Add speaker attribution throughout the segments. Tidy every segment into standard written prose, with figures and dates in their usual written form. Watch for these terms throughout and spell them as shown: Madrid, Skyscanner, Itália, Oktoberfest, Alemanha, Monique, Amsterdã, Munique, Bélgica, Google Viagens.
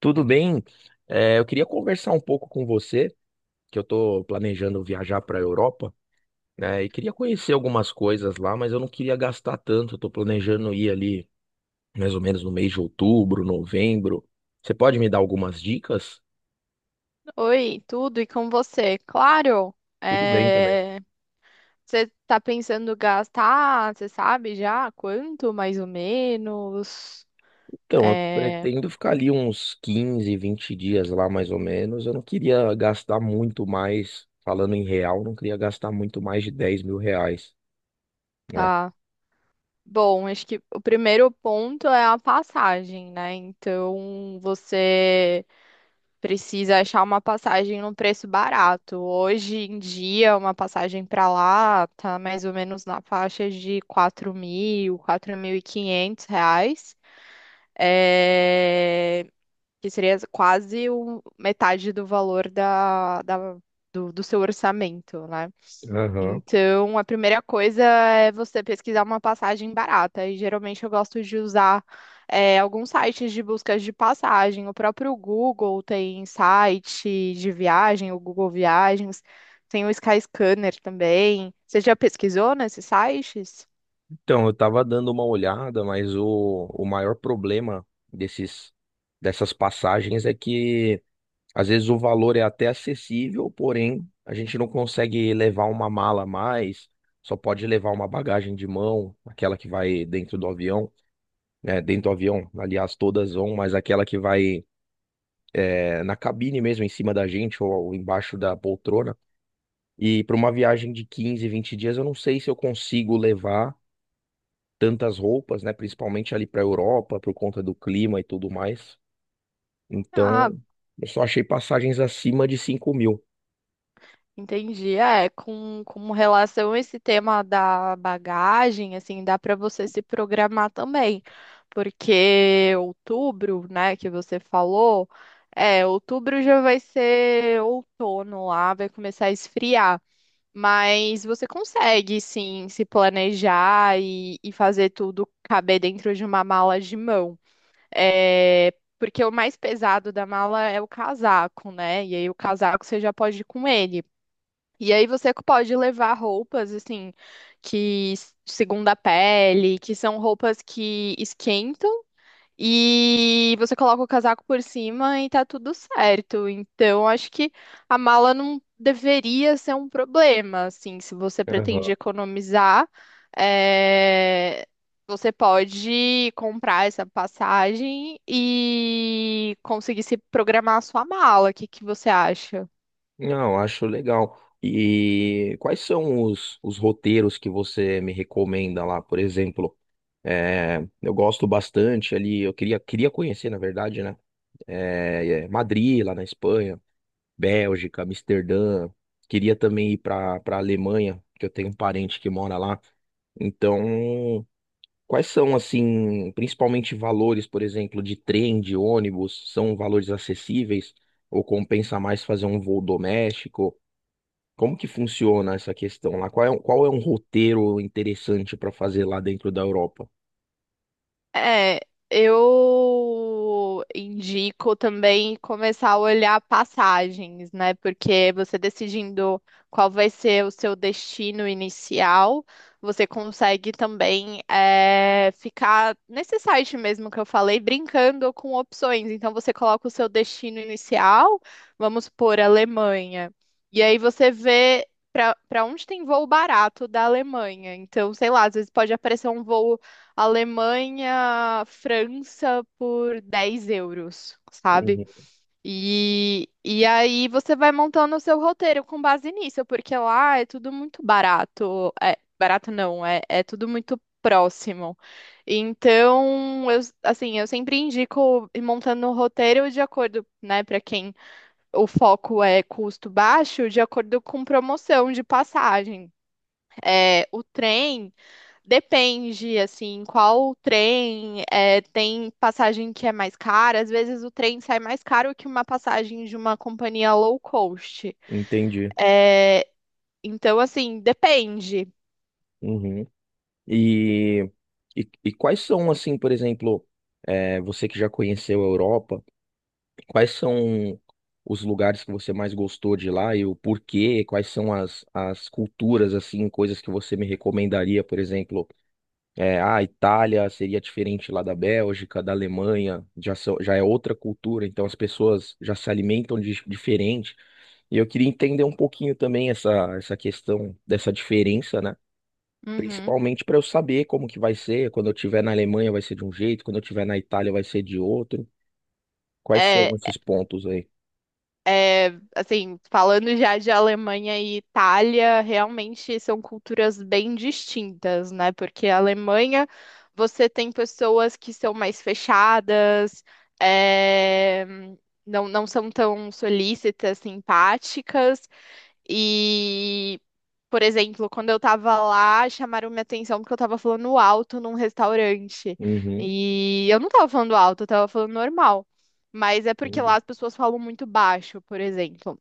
Speaker 1: Tudo bem? Eu queria conversar um pouco com você, que eu estou planejando viajar para a Europa, né? E queria conhecer algumas coisas lá, mas eu não queria gastar tanto. Eu tô planejando ir ali mais ou menos no mês de outubro, novembro. Você pode me dar algumas dicas?
Speaker 2: Oi, tudo e com você? Claro,
Speaker 1: Tudo bem também.
Speaker 2: é, você tá pensando gastar, você sabe já quanto, mais ou menos?
Speaker 1: Então, eu
Speaker 2: É,
Speaker 1: pretendo ficar ali uns 15, 20 dias lá mais ou menos. Eu não queria gastar muito mais, falando em real, não queria gastar muito mais de 10.000 reais, né?
Speaker 2: tá. Bom, acho que o primeiro ponto é a passagem, né? Então, você precisa achar uma passagem num preço barato. Hoje em dia, uma passagem para lá tá mais ou menos na faixa de 4.000, R$ 4.500. É, Que seria quase metade do valor do seu orçamento, né?
Speaker 1: Aham.
Speaker 2: Então, a primeira coisa é você pesquisar uma passagem barata. E geralmente eu gosto de usar alguns sites de buscas de passagem. O próprio Google tem site de viagem, o Google Viagens, tem o Skyscanner também. Você já pesquisou nesses sites?
Speaker 1: Então, eu tava dando uma olhada, mas o maior problema desses, dessas passagens é que às vezes o valor é até acessível, porém a gente não consegue levar uma mala a mais, só pode levar uma bagagem de mão, aquela que vai dentro do avião, né? Dentro do avião, aliás, todas vão, mas aquela que vai na cabine mesmo, em cima da gente ou embaixo da poltrona. E para uma viagem de 15, 20 dias, eu não sei se eu consigo levar tantas roupas, né? Principalmente ali para a Europa, por conta do clima e tudo mais.
Speaker 2: Ah,
Speaker 1: Então, eu só achei passagens acima de 5.000.
Speaker 2: entendi. É, com relação a esse tema da bagagem, assim, dá para você se programar também, porque outubro, né, que você falou, outubro já vai ser outono lá, vai começar a esfriar, mas você consegue, sim, se planejar e fazer tudo caber dentro de uma mala de mão. É, porque o mais pesado da mala é o casaco, né? E aí o casaco você já pode ir com ele. E aí você pode levar roupas assim que segunda a pele, que são roupas que esquentam e você coloca o casaco por cima e tá tudo certo. Então acho que a mala não deveria ser um problema, assim, se você pretende
Speaker 1: Aham.
Speaker 2: economizar, é, você pode comprar essa passagem e conseguir se programar a sua mala. O que que você acha?
Speaker 1: Não, acho legal. E quais são os roteiros que você me recomenda lá, por exemplo? Eu gosto bastante ali, eu queria conhecer, na verdade, né? Madrid, lá na Espanha, Bélgica, Amsterdã. Queria também ir para Alemanha, que eu tenho um parente que mora lá. Então, quais são, assim, principalmente valores, por exemplo, de trem, de ônibus? São valores acessíveis? Ou compensa mais fazer um voo doméstico? Como que funciona essa questão lá? Qual é um roteiro interessante para fazer lá dentro da Europa?
Speaker 2: É, eu indico também começar a olhar passagens, né? Porque você decidindo qual vai ser o seu destino inicial, você consegue também ficar nesse site mesmo que eu falei, brincando com opções. Então você coloca o seu destino inicial, vamos por Alemanha. E aí você vê para onde tem voo barato da Alemanha. Então, sei lá, às vezes pode aparecer um voo Alemanha, França por € 10, sabe?
Speaker 1: Uhum,
Speaker 2: E aí você vai montando o seu roteiro com base nisso, porque lá é tudo muito barato. É, barato não, é tudo muito próximo. Então, eu, assim, eu sempre indico ir montando o roteiro de acordo, né, para quem o foco é custo baixo, de acordo com promoção de passagem. É, o trem. Depende, assim, qual trem, tem passagem que é mais cara, às vezes o trem sai mais caro que uma passagem de uma companhia low cost.
Speaker 1: entendi.
Speaker 2: Então, assim, depende.
Speaker 1: Uhum. E, e quais são, assim, por exemplo, você que já conheceu a Europa, quais são os lugares que você mais gostou de lá e o porquê? Quais são as culturas, assim, coisas que você me recomendaria, por exemplo? Ah, a Itália seria diferente lá da Bélgica, da Alemanha, já, já é outra cultura, então as pessoas já se alimentam diferente. E eu queria entender um pouquinho também essa questão dessa diferença, né?
Speaker 2: Uhum.
Speaker 1: Principalmente para eu saber como que vai ser, quando eu estiver na Alemanha vai ser de um jeito, quando eu estiver na Itália vai ser de outro. Quais são
Speaker 2: É,
Speaker 1: esses pontos aí?
Speaker 2: assim, falando já de Alemanha e Itália, realmente são culturas bem distintas, né? Porque a Alemanha, você tem pessoas que são mais fechadas, é, não, não são tão solícitas, simpáticas. E, por exemplo, quando eu tava lá, chamaram minha atenção porque eu tava falando alto num restaurante.
Speaker 1: Uhum.
Speaker 2: E eu não tava falando alto, eu tava falando normal. Mas é porque lá
Speaker 1: Entendi.
Speaker 2: as pessoas falam muito baixo, por exemplo.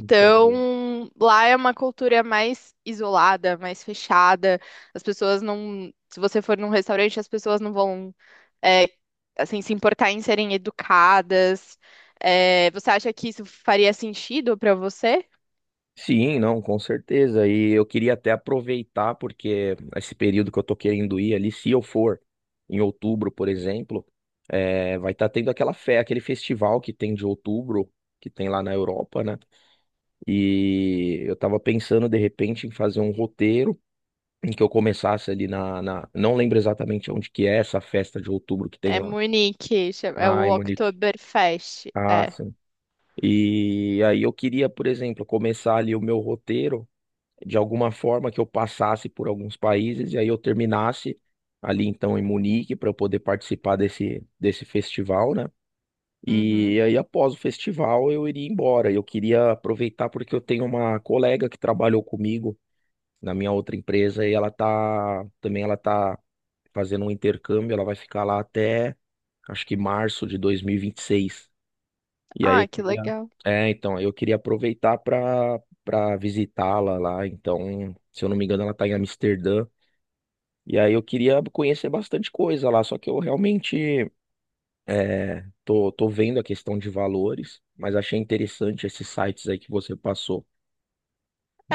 Speaker 1: Entendi.
Speaker 2: lá é uma cultura mais isolada, mais fechada. As pessoas não. Se você for num restaurante, as pessoas não vão, é, assim, se importar em serem educadas. É, você acha que isso faria sentido pra você?
Speaker 1: Sim, não, com certeza. E eu queria até aproveitar, porque esse período que eu tô querendo ir ali, se eu for em outubro, por exemplo, vai estar tendo aquele festival que tem de outubro, que tem lá na Europa, né? E eu tava pensando, de repente, em fazer um roteiro em que eu começasse ali Não lembro exatamente onde que é essa festa de outubro que tem
Speaker 2: É
Speaker 1: lá.
Speaker 2: Munique, é
Speaker 1: Ah, em
Speaker 2: o
Speaker 1: Monique.
Speaker 2: Oktoberfest.
Speaker 1: Ah,
Speaker 2: É.
Speaker 1: sim. E aí eu queria, por exemplo, começar ali o meu roteiro de alguma forma que eu passasse por alguns países e aí eu terminasse ali então em Munique para eu poder participar desse festival, né?
Speaker 2: Uhum.
Speaker 1: E aí após o festival eu iria embora. Eu queria aproveitar porque eu tenho uma colega que trabalhou comigo na minha outra empresa e ela tá também ela tá fazendo um intercâmbio, ela vai ficar lá até acho que março de 2026. E aí eu
Speaker 2: Ah, que
Speaker 1: queria,
Speaker 2: legal.
Speaker 1: é, então, eu queria aproveitar para visitá-la lá. Então, se eu não me engano, ela está em Amsterdã. E aí eu queria conhecer bastante coisa lá, só que eu realmente tô vendo a questão de valores, mas achei interessante esses sites aí que você passou,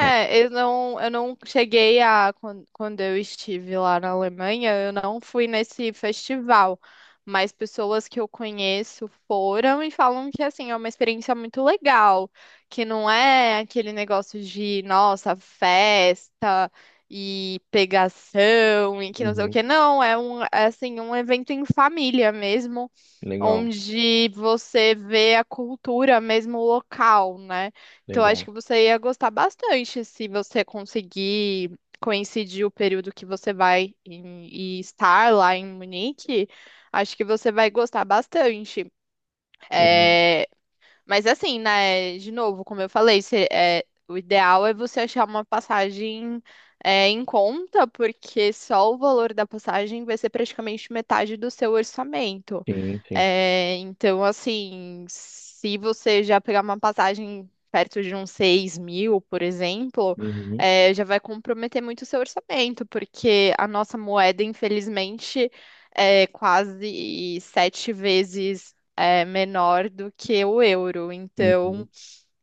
Speaker 1: né?
Speaker 2: eu não cheguei a, quando eu estive lá na Alemanha, eu não fui nesse festival, mas pessoas que eu conheço foram e falam que, assim, é uma experiência muito legal, que não é aquele negócio de, nossa, festa e pegação e que não sei o
Speaker 1: Uhum,
Speaker 2: que, não, é um, é, assim, um evento em família mesmo,
Speaker 1: legal,
Speaker 2: onde você vê a cultura mesmo local, né? Então, acho
Speaker 1: legal.
Speaker 2: que você ia gostar bastante se você conseguir coincidir o período que você vai e estar lá em Munique. Acho que você vai gostar bastante.
Speaker 1: Uhum,
Speaker 2: É, mas assim, né, de novo, como eu falei, é, o ideal é você achar uma passagem em conta, porque só o valor da passagem vai ser praticamente metade do seu orçamento.
Speaker 1: sim, sim.
Speaker 2: É, então, assim, se você já pegar uma passagem perto de uns 6.000, por exemplo,
Speaker 1: Uhum,
Speaker 2: já vai comprometer muito o seu orçamento, porque a nossa moeda, infelizmente, é quase 7 vezes menor do que o euro.
Speaker 1: uhum,
Speaker 2: Então,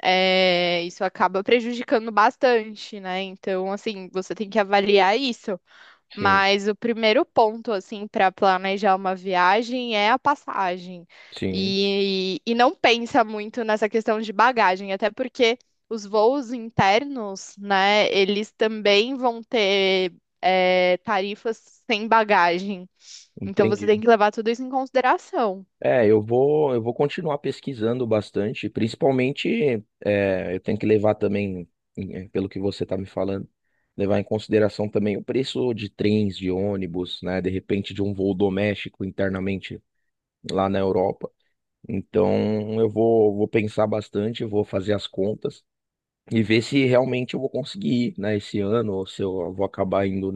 Speaker 2: isso acaba prejudicando bastante, né? Então, assim, você tem que avaliar isso.
Speaker 1: sim,
Speaker 2: Mas o primeiro ponto, assim, para planejar uma viagem é a passagem.
Speaker 1: sim,
Speaker 2: E não pensa muito nessa questão de bagagem, até porque os voos internos, né, eles também vão ter, tarifas sem bagagem. Então você
Speaker 1: entendi.
Speaker 2: tem que levar tudo isso em consideração.
Speaker 1: Eu vou continuar pesquisando bastante, principalmente, eu tenho que levar também, pelo que você está me falando, levar em consideração também o preço de trens, de ônibus, né, de repente de um voo doméstico internamente lá na Europa. Então, vou pensar bastante, vou fazer as contas e ver se realmente eu vou conseguir ir, né, esse ano ou se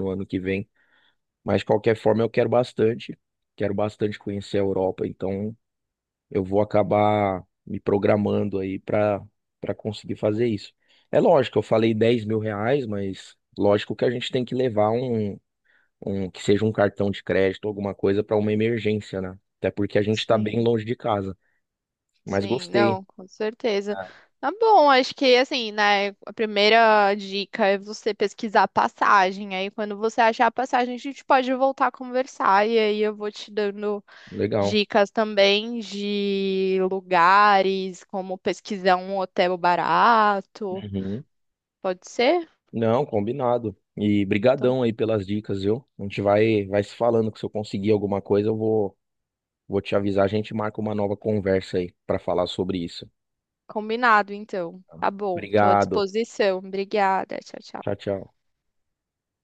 Speaker 1: eu vou acabar me programando aí para conseguir fazer isso. É lógico, eu falei 10.000 reais, mas lógico que a gente tem que levar um que seja um cartão de crédito, alguma coisa para uma emergência, né? Até porque a gente está bem
Speaker 2: Sim.
Speaker 1: longe de casa. Mas
Speaker 2: Sim,
Speaker 1: gostei,
Speaker 2: não, com certeza. Tá bom, acho que assim, né, a primeira dica é você pesquisar a passagem. Aí quando você achar a passagem, a gente pode voltar a conversar e aí eu vou te dando
Speaker 1: legal.
Speaker 2: dicas também de lugares, como pesquisar um hotel barato.
Speaker 1: Uhum.
Speaker 2: Pode ser?
Speaker 1: Não, combinado. E
Speaker 2: Então,
Speaker 1: brigadão aí pelas dicas, viu? A gente vai se falando que se eu conseguir alguma coisa, eu vou te avisar, a gente marca uma nova conversa aí para falar sobre isso.
Speaker 2: combinado então. Tá bom, tô à
Speaker 1: Obrigado.
Speaker 2: disposição. Obrigada. Tchau,
Speaker 1: Tchau,
Speaker 2: tchau.
Speaker 1: tchau.